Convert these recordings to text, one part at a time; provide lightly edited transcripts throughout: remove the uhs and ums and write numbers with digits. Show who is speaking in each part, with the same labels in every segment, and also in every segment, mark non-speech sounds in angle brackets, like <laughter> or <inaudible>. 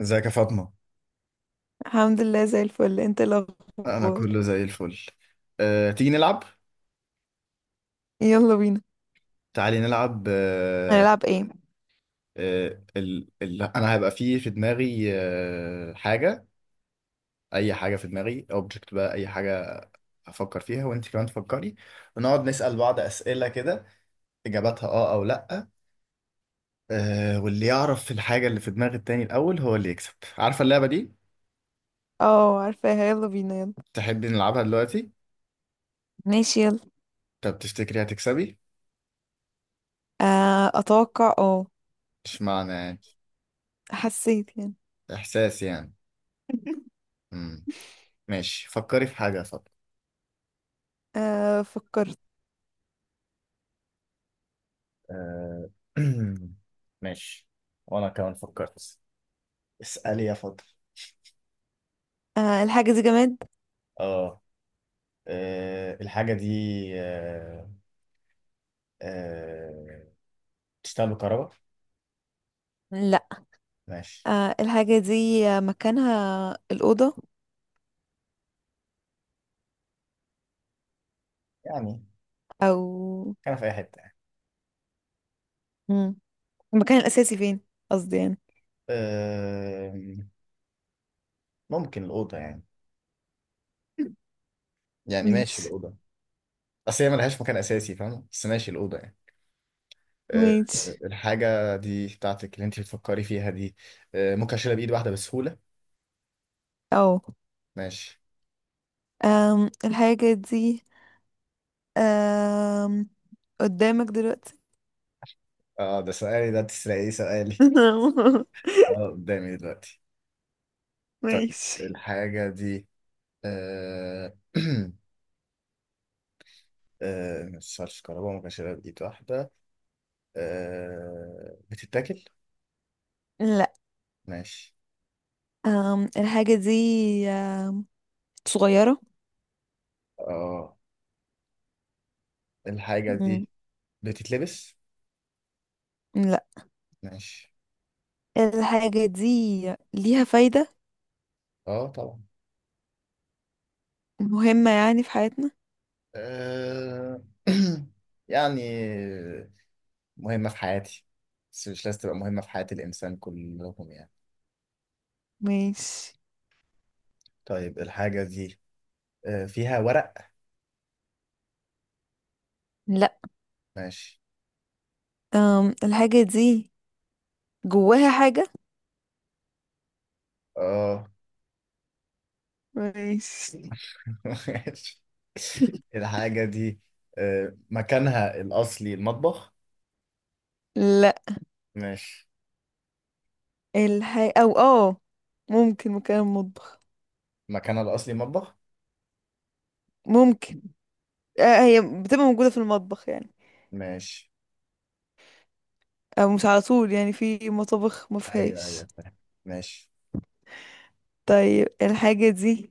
Speaker 1: ازيك يا فاطمة؟
Speaker 2: الحمد لله زي الفل، انت ايه
Speaker 1: انا
Speaker 2: الاخبار؟
Speaker 1: كله زي الفل. تيجي نلعب؟
Speaker 2: يلا بينا.
Speaker 1: تعالي نلعب.
Speaker 2: هنلعب ايه؟
Speaker 1: انا هيبقى فيه في دماغي حاجة، اي حاجة في دماغي، اوبجكت بقى، اي حاجة افكر فيها وانت كمان تفكري، ونقعد نسأل بعض اسئلة كده، اجاباتها اه او لا. واللي يعرف الحاجة اللي في دماغ التاني الاول هو اللي يكسب، عارفة اللعبة دي؟
Speaker 2: اه، عارفاها، يلا بينا يلا.
Speaker 1: تحبي نلعبها دلوقتي؟
Speaker 2: ماشي يلا.
Speaker 1: طب تفتكري هتكسبي؟
Speaker 2: آه، اتوقع، اه.
Speaker 1: مش معنى يعني،
Speaker 2: حسيت يعني.
Speaker 1: احساس يعني.
Speaker 2: <laughs>
Speaker 1: مم. ماشي، فكري في حاجة يا فاطمة.
Speaker 2: آه، فكرت.
Speaker 1: آه، <clears throat> ماشي، وانا كمان فكرت. اسألي يا فضل.
Speaker 2: الحاجة دي جماد؟
Speaker 1: اه، الحاجة دي. آه، آه، بتشتغل بكهرباء؟
Speaker 2: لا.
Speaker 1: ماشي.
Speaker 2: الحاجة دي مكانها الأوضة.
Speaker 1: يعني
Speaker 2: او.
Speaker 1: كان في اي حتة يعني؟
Speaker 2: مم. المكان الأساسي فين؟ قصدي يعني.
Speaker 1: آه، ممكن الأوضة يعني،
Speaker 2: <laughs>
Speaker 1: يعني ماشي
Speaker 2: ماشي.
Speaker 1: الأوضة. اصل هي ملهاش مكان اساسي فاهم، بس ماشي الأوضة يعني.
Speaker 2: ماشي.
Speaker 1: الحاجة دي بتاعتك اللي انت بتفكري فيها دي، ممكن اشيلها بإيد واحدة بسهولة؟
Speaker 2: اه.
Speaker 1: ماشي.
Speaker 2: الحاجة دي آم، قدامك دلوقتي؟
Speaker 1: اه ده سؤالي، ده تسرقي سؤالي.
Speaker 2: <laughs>
Speaker 1: اه قدامي دلوقتي. طيب
Speaker 2: ماشي.
Speaker 1: الحاجة دي آه <clears throat> مش كهرباء، ما كانش بإيد واحدة. بتتاكل؟
Speaker 2: لا.
Speaker 1: ماشي.
Speaker 2: الحاجة دي أم، صغيرة.
Speaker 1: اه الحاجة دي
Speaker 2: مم.
Speaker 1: بتتلبس؟
Speaker 2: لا.
Speaker 1: ماشي.
Speaker 2: الحاجة دي ليها فايدة؟
Speaker 1: اه طبعا.
Speaker 2: مهمة يعني في حياتنا.
Speaker 1: آه <clears throat> يعني مهمة في حياتي، بس مش لازم تبقى مهمة في حياة الإنسان كلهم يعني.
Speaker 2: ماشي.
Speaker 1: طيب الحاجة دي فيها ورق؟
Speaker 2: لا.
Speaker 1: ماشي.
Speaker 2: الحاجة دي جواها حاجة.
Speaker 1: اه
Speaker 2: ماشي.
Speaker 1: ماشي. الحاجة دي مكانها الأصلي المطبخ؟
Speaker 2: لا.
Speaker 1: ماشي.
Speaker 2: الحاجة أو ممكن مكان المطبخ.
Speaker 1: مكانها الأصلي مطبخ؟
Speaker 2: ممكن. هي بتبقى موجودة في المطبخ يعني،
Speaker 1: ماشي.
Speaker 2: أو مش على طول يعني في مطابخ ما
Speaker 1: أيوه
Speaker 2: فيهاش.
Speaker 1: أيوه فاهم. ماشي.
Speaker 2: طيب الحاجة دي،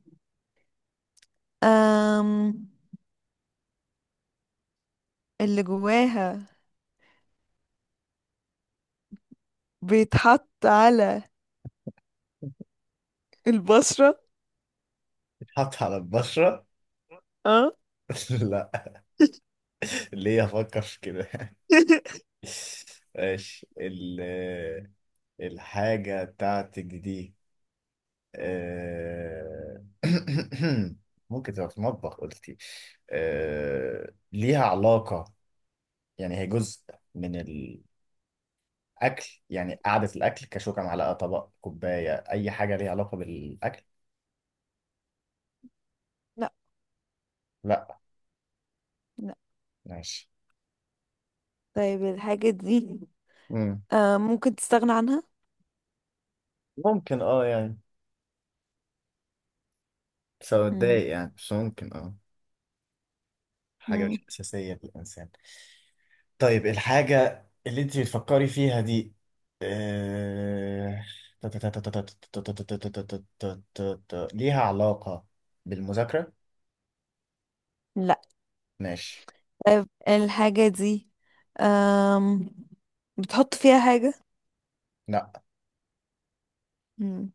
Speaker 2: أم... اللي جواها بيتحط على البشرة.
Speaker 1: بتتحط على البشرة؟
Speaker 2: اه.
Speaker 1: <laughs> لا.
Speaker 2: <laughs>
Speaker 1: ليه أفكر في كده؟ <laughs> ماشي. الحاجة بتاعتك دي، آه، <coughs> <clears throat> ممكن تبقى في المطبخ قلتي، ليها علاقة يعني هي جزء من اكل يعني؟ قعده الاكل كشوكه معلقه طبق كوبايه، اي حاجه ليها علاقه بالاكل.
Speaker 2: لا.
Speaker 1: لا،
Speaker 2: لا.
Speaker 1: ماشي.
Speaker 2: طيب الحاجة دي
Speaker 1: مم.
Speaker 2: ممكن تستغنى عنها.
Speaker 1: ممكن اه يعني، بس
Speaker 2: مم.
Speaker 1: اتضايق يعني، بس ممكن اه. حاجه
Speaker 2: مم.
Speaker 1: مش اساسيه في الانسان. طيب الحاجه اللي انت بتفكري فيها دي، آه، ليها علاقه بالمذاكره؟
Speaker 2: لا.
Speaker 1: ماشي.
Speaker 2: طيب الحاجة دي آم بتحط فيها حاجة.
Speaker 1: لا.
Speaker 2: مم.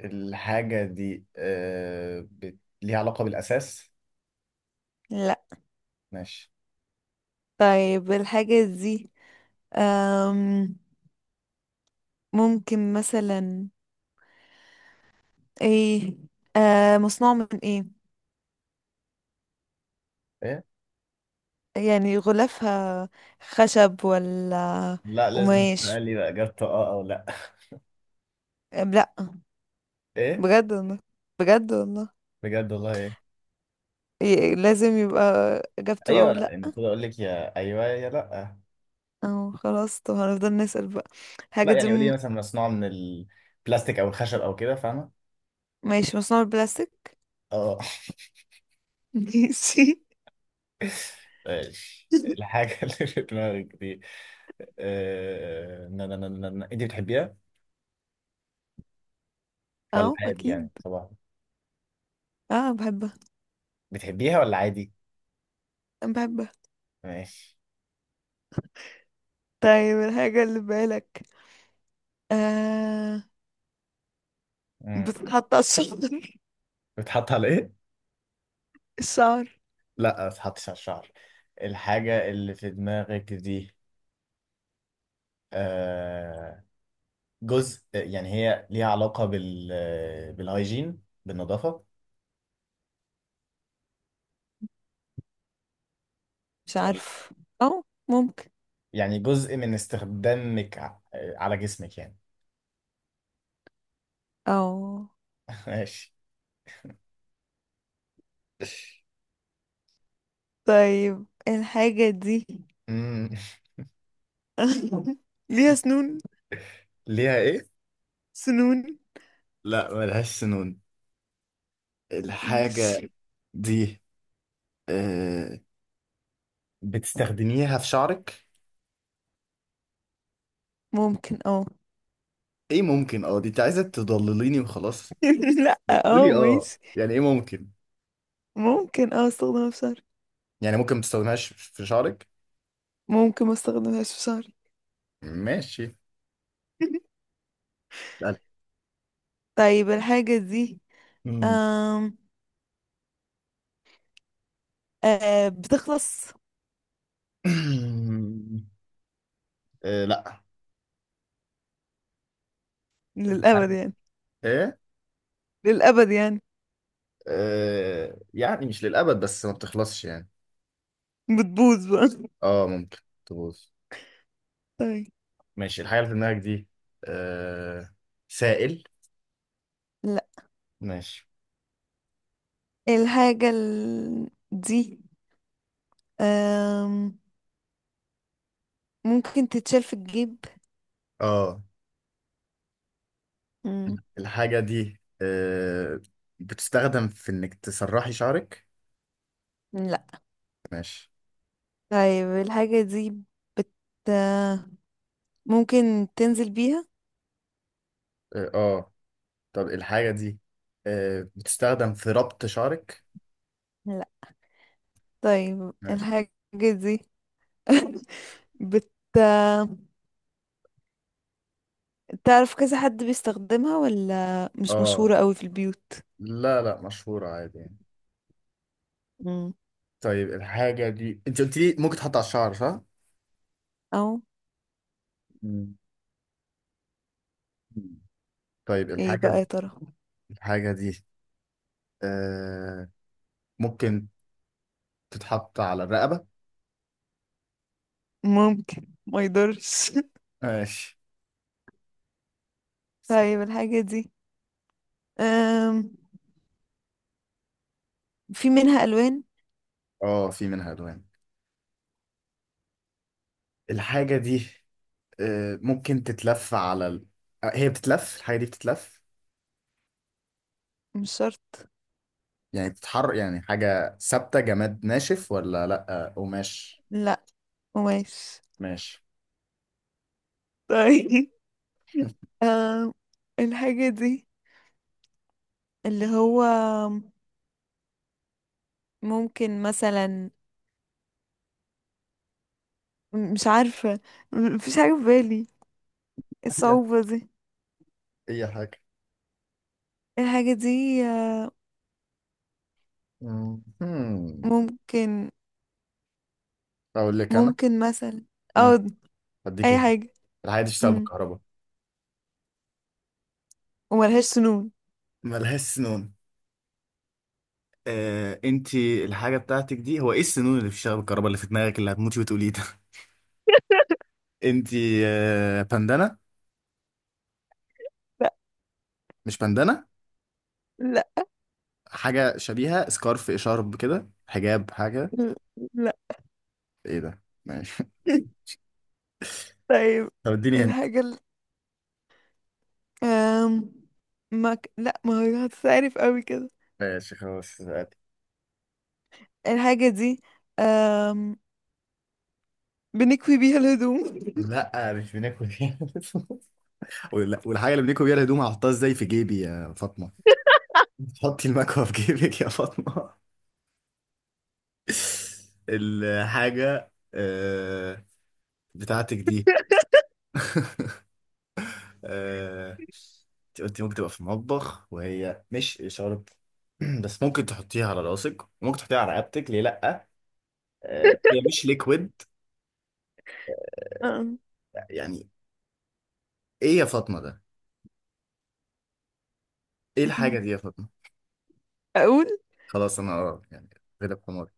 Speaker 1: الحاجه دي ليها علاقه بالاساس؟
Speaker 2: لا.
Speaker 1: ماشي.
Speaker 2: طيب الحاجة دي آم ممكن مثلا ايه؟ مصنوع من ايه؟
Speaker 1: إيه؟
Speaker 2: يعني غلافها خشب ولا
Speaker 1: لا لازم
Speaker 2: قماش؟
Speaker 1: تقول لي بقى اجابته اه او لا.
Speaker 2: لا.
Speaker 1: ايه؟
Speaker 2: بجد والله، بجد والله.
Speaker 1: بجد والله ايه؟
Speaker 2: لازم يبقى اجابته
Speaker 1: ايوه
Speaker 2: او لا.
Speaker 1: لا، المفروض اقول لك يا ايوه يا لا.
Speaker 2: او خلاص، طب هنفضل نسأل بقى.
Speaker 1: لا
Speaker 2: الحاجة دي
Speaker 1: يعني قولي لي مثلا مصنوع من البلاستيك او الخشب او كده فاهمه.
Speaker 2: ماشي، مصنوعة من البلاستيك.
Speaker 1: اه
Speaker 2: <laughs> ماشي.
Speaker 1: ماشي. الحاجه <laughs> اللي في دماغك دي، آه، نا- نا- نا- نا- نا. انت بتحبيها ولا
Speaker 2: اه،
Speaker 1: عادي
Speaker 2: اكيد.
Speaker 1: يعني صباح؟
Speaker 2: اه، بحبها.
Speaker 1: بتحبيها ولا عادي؟
Speaker 2: أنا بحبها.
Speaker 1: ماشي.
Speaker 2: طيب الحاجة اللي في بالك، آه
Speaker 1: امم،
Speaker 2: بتتحط على الشعر. <laughs>
Speaker 1: بتحط على ايه؟
Speaker 2: الشعر.
Speaker 1: لا ما بتحطش على الشعر. الحاجه اللي في دماغك دي، آه، جزء يعني هي ليها علاقة بالهايجين بالنظافة
Speaker 2: مش
Speaker 1: ولا؟
Speaker 2: عارف. او. ممكن.
Speaker 1: يعني جزء من استخدامك على جسمك يعني؟
Speaker 2: او.
Speaker 1: <laughs> ماشي.
Speaker 2: طيب الحاجة دي،
Speaker 1: أمم،
Speaker 2: <laughs> ليها سنون؟
Speaker 1: ليها ايه؟
Speaker 2: سنون.
Speaker 1: لا ملهاش سنون. الحاجة
Speaker 2: ماشي.
Speaker 1: دي آه، بتستخدميها في شعرك؟
Speaker 2: ممكن اه.
Speaker 1: ايه ممكن اه؟ دي انت عايزة تضلليني وخلاص.
Speaker 2: <laughs> لا، اه،
Speaker 1: قولي اه،
Speaker 2: ماشي.
Speaker 1: يعني ايه ممكن؟
Speaker 2: ممكن اه استخدمها في شعري.
Speaker 1: يعني ممكن ما تستخدمهاش في شعرك؟
Speaker 2: ممكن ما استخدمهاش في شهري.
Speaker 1: ماشي.
Speaker 2: <laughs>
Speaker 1: لا.
Speaker 2: طيب الحاجة دي
Speaker 1: أمم.
Speaker 2: أم... بتخلص؟
Speaker 1: <clears throat> لا.
Speaker 2: للأبد يعني.
Speaker 1: ايه؟
Speaker 2: للأبد يعني.
Speaker 1: يعني مش للأبد بس ما بتخلصش يعني.
Speaker 2: بتبوظ بقى.
Speaker 1: اه ممكن تبوظ.
Speaker 2: <laughs> طيب.
Speaker 1: ماشي. الحاجة اللي في دماغك دي آه سائل؟
Speaker 2: لا.
Speaker 1: ماشي.
Speaker 2: الحاجة دي، أم... ممكن تتشال في الجيب.
Speaker 1: اه
Speaker 2: مم.
Speaker 1: الحاجة دي بتستخدم في انك تسرحي شعرك؟
Speaker 2: لا.
Speaker 1: ماشي.
Speaker 2: طيب الحاجة دي بت ممكن تنزل بيها.
Speaker 1: اه آه. طب الحاجة دي بتستخدم في ربط شعرك؟
Speaker 2: لا. طيب
Speaker 1: ماشي.
Speaker 2: الحاجة دي <laughs> بت تعرف كذا حد بيستخدمها ولا مش
Speaker 1: اه
Speaker 2: مشهورة قوي في البيوت؟
Speaker 1: لا لا، مشهورة عادي يعني.
Speaker 2: مم.
Speaker 1: طيب الحاجة دي انت قلت لي ممكن تحط على الشعر صح؟
Speaker 2: او.
Speaker 1: مم. طيب
Speaker 2: ايه
Speaker 1: الحاجة
Speaker 2: بقى
Speaker 1: دي،
Speaker 2: يا ترى؟
Speaker 1: الحاجة دي آه ممكن تتحط على الرقبة؟
Speaker 2: ممكن ما يضرش.
Speaker 1: ماشي.
Speaker 2: <laughs> طيب الحاجة دي أم... في منها ألوان.
Speaker 1: اه في منها ألوان. الحاجة دي ممكن تتلف على ال... آه، هي بتتلف، الحاجة دي بتتلف
Speaker 2: مش شرط.
Speaker 1: يعني بتتحرك يعني، حاجة ثابتة جماد ناشف ولا لأ؟ قماش؟
Speaker 2: لا، قماش.
Speaker 1: ماشي.
Speaker 2: طيب. <laughs> أم... الحاجة دي اللي هو ممكن مثلا مش عارفة، مفيش حاجة في بالي.
Speaker 1: أيوة.
Speaker 2: الصعوبة دي.
Speaker 1: أي حاجة.
Speaker 2: الحاجة دي،
Speaker 1: مم.
Speaker 2: ممكن،
Speaker 1: أقول لك أنا.
Speaker 2: ممكن مثلا
Speaker 1: مم.
Speaker 2: او
Speaker 1: أديك
Speaker 2: أي
Speaker 1: هنا.
Speaker 2: حاجة.
Speaker 1: الحاجة دي بتشتغل
Speaker 2: مم.
Speaker 1: بالكهرباء،
Speaker 2: وملهاش سنون.
Speaker 1: ملهاش سنون. انتي الحاجة بتاعتك دي هو ايه السنون اللي بتشتغل بالكهرباء اللي في دماغك اللي هتموتي وتقوليه ده؟ انتي بندانة؟
Speaker 2: لا.
Speaker 1: مش بندانة؟
Speaker 2: لا.
Speaker 1: حاجة شبيهة سكارف شارب كده، حجاب، حاجة؟
Speaker 2: لا.
Speaker 1: ايه ده؟ ماشي. <laughs>
Speaker 2: <laughs> طيب
Speaker 1: طب اديني هنت.
Speaker 2: الحاجة أم... ما ك... لا، ما هو هتتعرف قوي كده.
Speaker 1: ماشي خلاص عادي.
Speaker 2: الحاجة دي أم... بنكوي بيها الهدوم.
Speaker 1: لا مش بناكل فيها. <laughs> والحاجة اللي بناكل بيها الهدوم هحطها ازاي في جيبي يا فاطمة؟ حطي المكوى في جيبك يا فاطمة. <laughs> الحاجة بتاعتك دي، آه، انت قلتي ممكن تبقى في المطبح وهي مش إشارة. <clears throat> بس ممكن تحطيها على راسك وممكن تحطيها على رقبتك ليه لأ؟ هي مش ليكويد
Speaker 2: أم.
Speaker 1: يعني. ايه يا فاطمه ده؟ ايه الحاجه دي
Speaker 2: <laughs>
Speaker 1: يا فاطمه؟
Speaker 2: أقول.
Speaker 1: خلاص انا اه يعني، غلب حماري.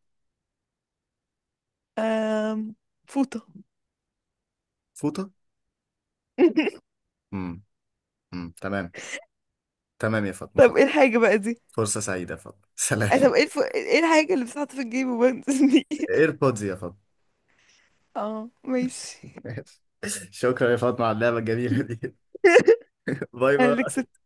Speaker 2: أم... فوطة.
Speaker 1: فوطه؟
Speaker 2: <laughs>
Speaker 1: امم، امم، تمام. تمام يا فاطمه،
Speaker 2: طب
Speaker 1: خط.
Speaker 2: ايه الحاجة بقى دي؟
Speaker 1: فرصه سعيده يا فاطمه، سلام.
Speaker 2: طب ايه ايه الحاجة اللي بتتحط في الجيب وبنزل
Speaker 1: <laughs>
Speaker 2: بيها؟
Speaker 1: ايربودز يا فاطمه.
Speaker 2: <laughs> اه، ماشي.
Speaker 1: <laughs> شكرا يا فاطمه على اللعبه الجميله دي. <laughs>
Speaker 2: <laughs>
Speaker 1: باي
Speaker 2: انا اللي
Speaker 1: باي.
Speaker 2: كسبت.